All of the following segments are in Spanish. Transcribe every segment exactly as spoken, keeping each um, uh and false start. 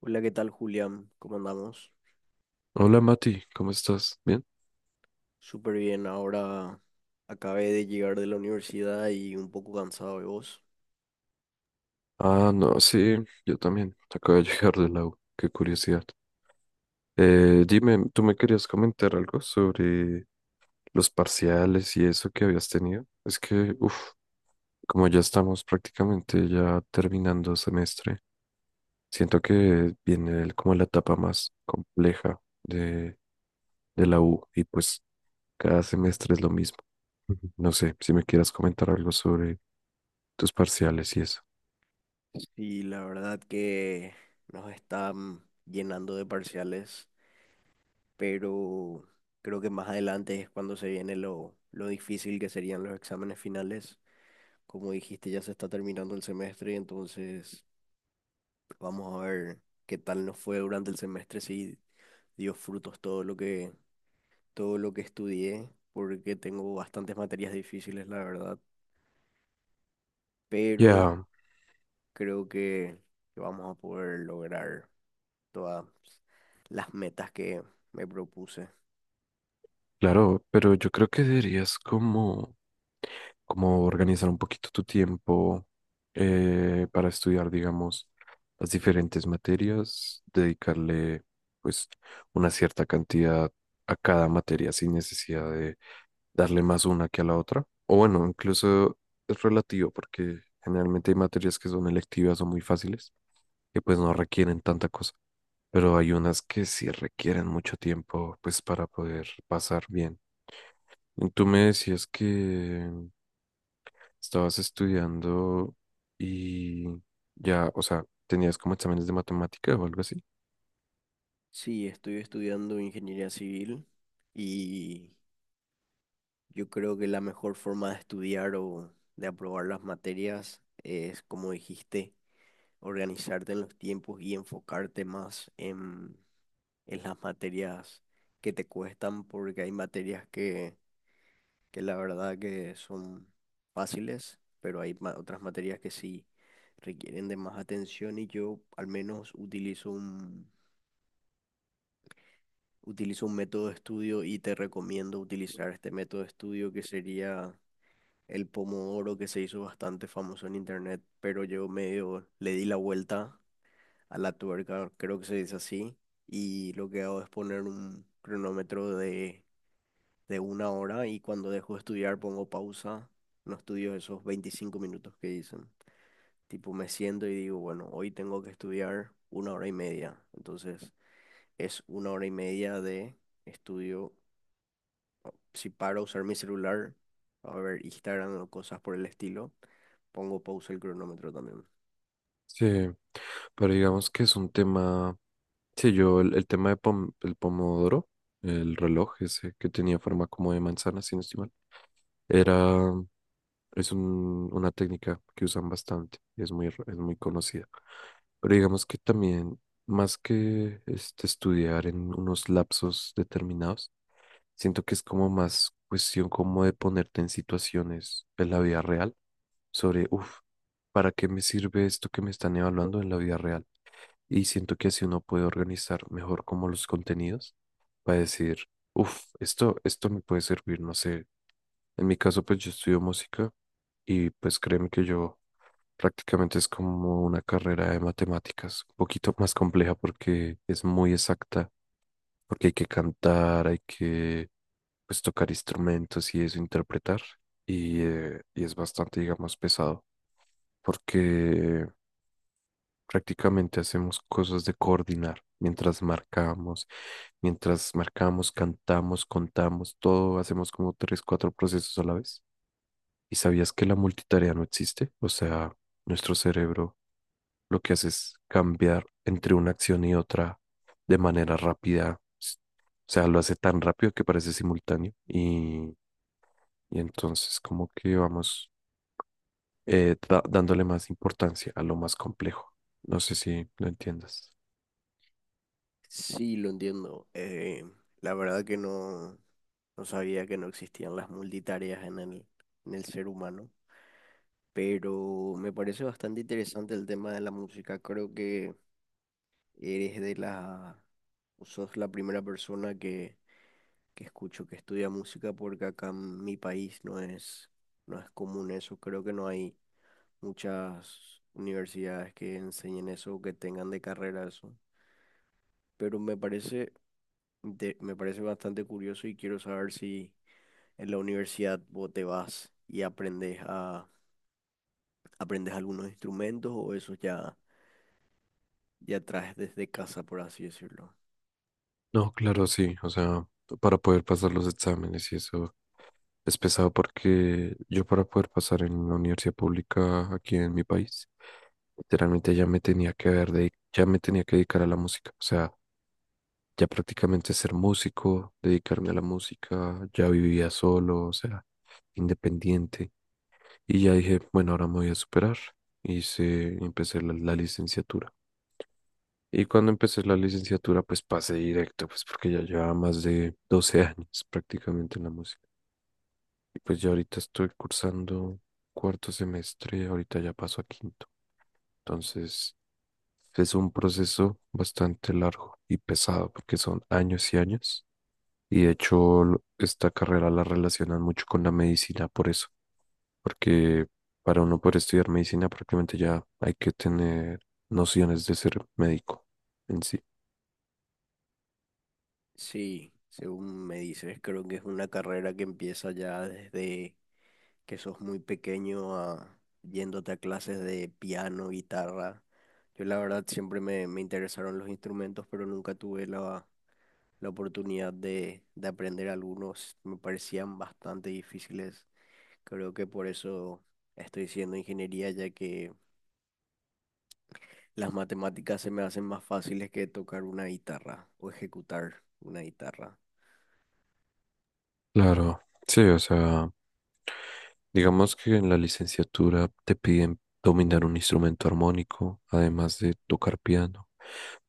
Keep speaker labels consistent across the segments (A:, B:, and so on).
A: Hola, ¿qué tal, Julián? ¿Cómo andamos?
B: Hola Mati, ¿cómo estás? ¿Bien?
A: Súper bien. Ahora acabé de llegar de la universidad y un poco cansado de vos.
B: Ah, no, sí, yo también. Acabo de llegar de la U, qué curiosidad. Eh, dime, ¿tú me querías comentar algo sobre los parciales y eso que habías tenido? Es que, uff, como ya estamos prácticamente ya terminando semestre, siento que viene el- como la etapa más compleja de, de la U y pues cada semestre es lo mismo. Ujú. No sé si me quieras comentar algo sobre tus parciales y eso.
A: Y la verdad que nos están llenando de parciales, pero creo que más adelante es cuando se viene lo, lo difícil que serían los exámenes finales. Como dijiste, ya se está terminando el semestre, entonces vamos a ver qué tal nos fue durante el semestre, si dio frutos todo lo que, todo lo que estudié, porque tengo bastantes materias difíciles, la verdad, pero
B: Ya,
A: creo que, que vamos a poder lograr todas las metas que me propuse.
B: claro, pero yo creo que deberías como, como organizar un poquito tu tiempo eh, para estudiar, digamos, las diferentes materias, dedicarle pues una cierta cantidad a cada materia sin necesidad de darle más una que a la otra. O bueno, incluso es relativo porque generalmente hay materias que son electivas o muy fáciles que pues no requieren tanta cosa, pero hay unas que sí requieren mucho tiempo pues para poder pasar bien. Tú me decías que estabas estudiando y ya, o sea, tenías como exámenes de matemática o algo así.
A: Sí, estoy estudiando ingeniería civil y yo creo que la mejor forma de estudiar o de aprobar las materias es, como dijiste, organizarte en los tiempos y enfocarte más en, en las materias que te cuestan, porque hay materias que que la verdad que son fáciles, pero hay ma- otras materias que sí requieren de más atención y yo al menos utilizo un, utilizo un método de estudio y te recomiendo utilizar este método de estudio que sería el Pomodoro, que se hizo bastante famoso en internet, pero yo medio le di la vuelta a la tuerca, creo que se dice así, y lo que hago es poner un cronómetro de de una hora, y cuando dejo de estudiar pongo pausa, no estudio esos veinticinco minutos que dicen. Tipo, me siento y digo, bueno, hoy tengo que estudiar una hora y media. Entonces, es una hora y media de estudio. Si paro a usar mi celular, a ver Instagram o cosas por el estilo, pongo pausa el cronómetro también.
B: Sí, pero digamos que es un tema, sí, yo el, el tema de pom- el pomodoro, el reloj ese que tenía forma como de manzana, si no estoy mal, era, es un- una técnica que usan bastante y es muy, r- es muy conocida. Pero digamos que también, más que este, estudiar en unos lapsos determinados, siento que es como más cuestión como de ponerte en situaciones en la vida real sobre, uff, ¿para qué me sirve esto que me están evaluando en la vida real? Y siento que así uno puede organizar mejor como los contenidos para decir, uff, esto, esto me puede servir, no sé. En mi caso, pues yo estudio música y pues créeme que yo prácticamente es como una carrera de matemáticas, un poquito más compleja porque es muy exacta, porque hay que cantar, hay que pues tocar instrumentos y eso, interpretar. Y, eh, y es bastante, digamos, pesado, porque prácticamente hacemos cosas de coordinar mientras marcamos, mientras marcamos, cantamos, contamos, todo, hacemos como tres, cuatro procesos a la vez. ¿Y sabías que la multitarea no existe? O sea, nuestro cerebro lo que hace es cambiar entre una acción y otra de manera rápida. s- O sea, lo hace tan rápido que parece simultáneo y, y entonces como que vamos eh, da- dándole más importancia a lo más complejo. No sé si lo entiendas.
A: Sí, lo entiendo. Eh, la verdad que no, no sabía que no existían las multitareas en el, en el ser humano. Pero me parece bastante interesante el tema de la música. Creo que eres de la, o sos la primera persona que, que escucho que estudia música, porque acá en mi país no es, no es común eso. Creo que no hay muchas universidades que enseñen eso o que tengan de carrera eso. Pero me parece, inte- me parece bastante curioso, y quiero saber si en la universidad vos te vas y aprendes a, aprendes algunos instrumentos, o eso ya ya traes desde casa, por así decirlo.
B: No, claro, sí. O sea, para poder pasar los exámenes y eso es pesado porque yo para poder pasar en la universidad pública aquí en mi país, literalmente ya me tenía que haber de, ya me tenía que dedicar a la música. O sea, ya prácticamente ser músico, dedicarme a la música, ya vivía solo, o sea, independiente. Y ya dije, bueno, ahora me voy a superar. Hice, empecé la, la licenciatura. Y cuando empecé la licenciatura, pues pasé directo, pues porque ya llevaba más de doce años prácticamente en la música. Y pues ya ahorita estoy cursando cuarto semestre, ahorita ya paso a quinto. Entonces, es un proceso bastante largo y pesado porque son años y años. Y de hecho, lo- esta carrera la relacionan mucho con la medicina por eso, porque para uno poder estudiar medicina prácticamente ya hay que tener nociones de ser médico en sí.
A: Sí, según me dices, creo que es una carrera que empieza ya desde que sos muy pequeño a yéndote a clases de piano, guitarra. Yo la verdad siempre me, me interesaron los instrumentos, pero nunca tuve la, la oportunidad de, de aprender algunos. Me parecían bastante difíciles. Creo que por eso estoy haciendo ingeniería, ya que las matemáticas se me hacen más fáciles que tocar una guitarra o ejecutar una guitarra.
B: Claro, sí, o sea, digamos que en la licenciatura te piden dominar un instrumento armónico, además de tocar piano,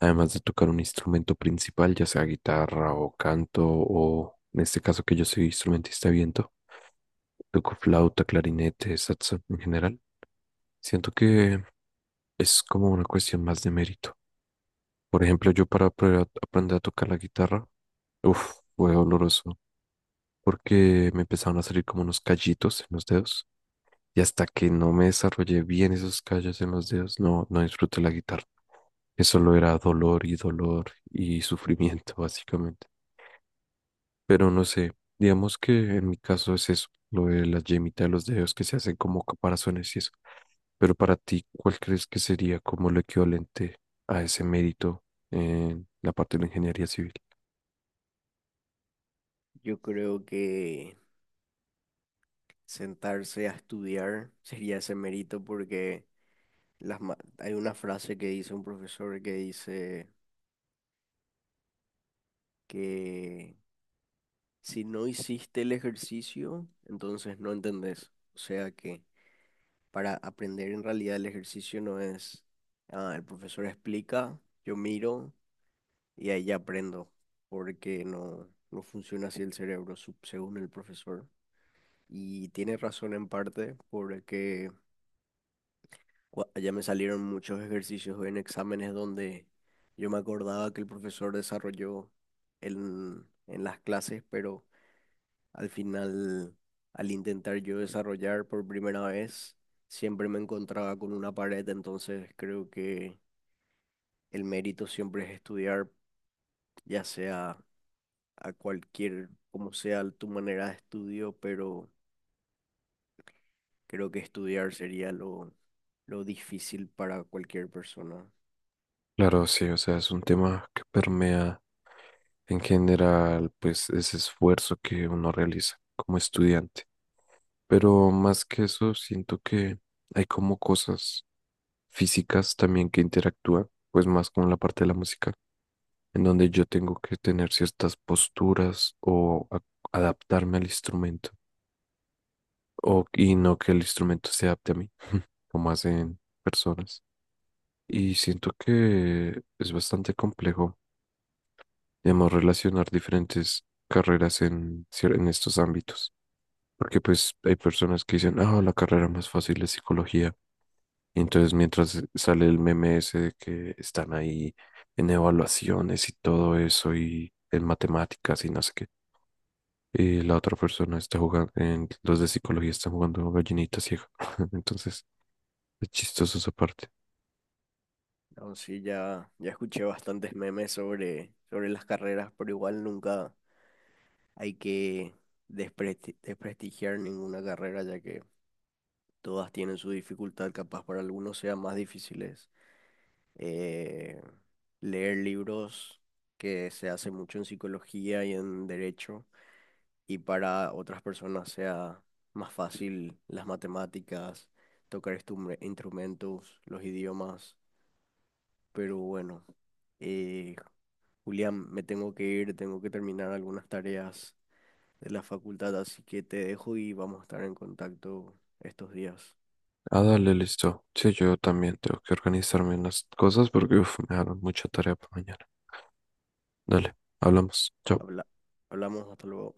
B: además de tocar un instrumento principal, ya sea guitarra o canto, o en este caso que yo soy instrumentista de viento, toco flauta, clarinete, saxo en general. Siento que es como una cuestión más de mérito. Por ejemplo, yo para apre- aprender a tocar la guitarra, uff, fue doloroso, porque me empezaron a salir como unos callitos en los dedos, y hasta que no me desarrollé bien esos callos en los dedos, no, no disfruté la guitarra. Eso solo era dolor y dolor y sufrimiento, básicamente. Pero no sé, digamos que en mi caso es eso, lo de la yemita de los dedos que se hacen como caparazones y eso. Pero para ti, ¿cuál crees que sería como lo equivalente a ese mérito en la parte de la ingeniería civil?
A: Yo creo que sentarse a estudiar sería ese mérito, porque las ma- hay una frase que dice un profesor, que dice que si no hiciste el ejercicio, entonces no entendés. O sea que para aprender en realidad el ejercicio no es, ah, el profesor explica, yo miro y ahí ya aprendo, porque no, no funciona así el cerebro, sup- según el profesor. Y tiene razón en parte porque... Gua- Ya me salieron muchos ejercicios en exámenes donde yo me acordaba que el profesor desarrolló en, en las clases, pero al final, al intentar yo desarrollar por primera vez, siempre me encontraba con una pared, entonces creo que el mérito siempre es estudiar, ya sea a cualquier, como sea tu manera de estudio, pero creo que estudiar sería lo, lo difícil para cualquier persona.
B: Claro, sí, o sea, es un tema que permea en general, pues, ese esfuerzo que uno realiza como estudiante. Pero más que eso, siento que hay como cosas físicas también que interactúan, pues más con la parte de la música en donde yo tengo que tener ciertas posturas o a- adaptarme al instrumento o, y no que el instrumento se adapte a mí, como hacen personas. Y siento que es bastante complejo, digamos, relacionar diferentes carreras en, cier- en estos ámbitos, porque pues hay personas que dicen, ah, la carrera más fácil es psicología. Y entonces mientras sale el meme ese de que están ahí en evaluaciones y todo eso y en matemáticas y no sé qué, y la otra persona está jugando, en, los de psicología están jugando gallinita ciega. Entonces, es chistoso esa parte.
A: No, sí, ya, ya escuché bastantes memes sobre, sobre las carreras, pero igual nunca hay que despresti- desprestigiar ninguna carrera, ya que todas tienen su dificultad, capaz para algunos sea más difíciles. Eh, leer libros, que se hace mucho en psicología y en derecho, y para otras personas sea más fácil las matemáticas, tocar estum- instrumentos, los idiomas, pero bueno. Eh, Julián, me tengo que ir, tengo que terminar algunas tareas de la facultad, así que te dejo y vamos a estar en contacto estos días.
B: Ah, dale, listo. Sí, yo también tengo que organizarme en las cosas porque uf, me dejaron mucha tarea para mañana. Dale, hablamos. Chao.
A: Habla- Hablamos, hasta luego.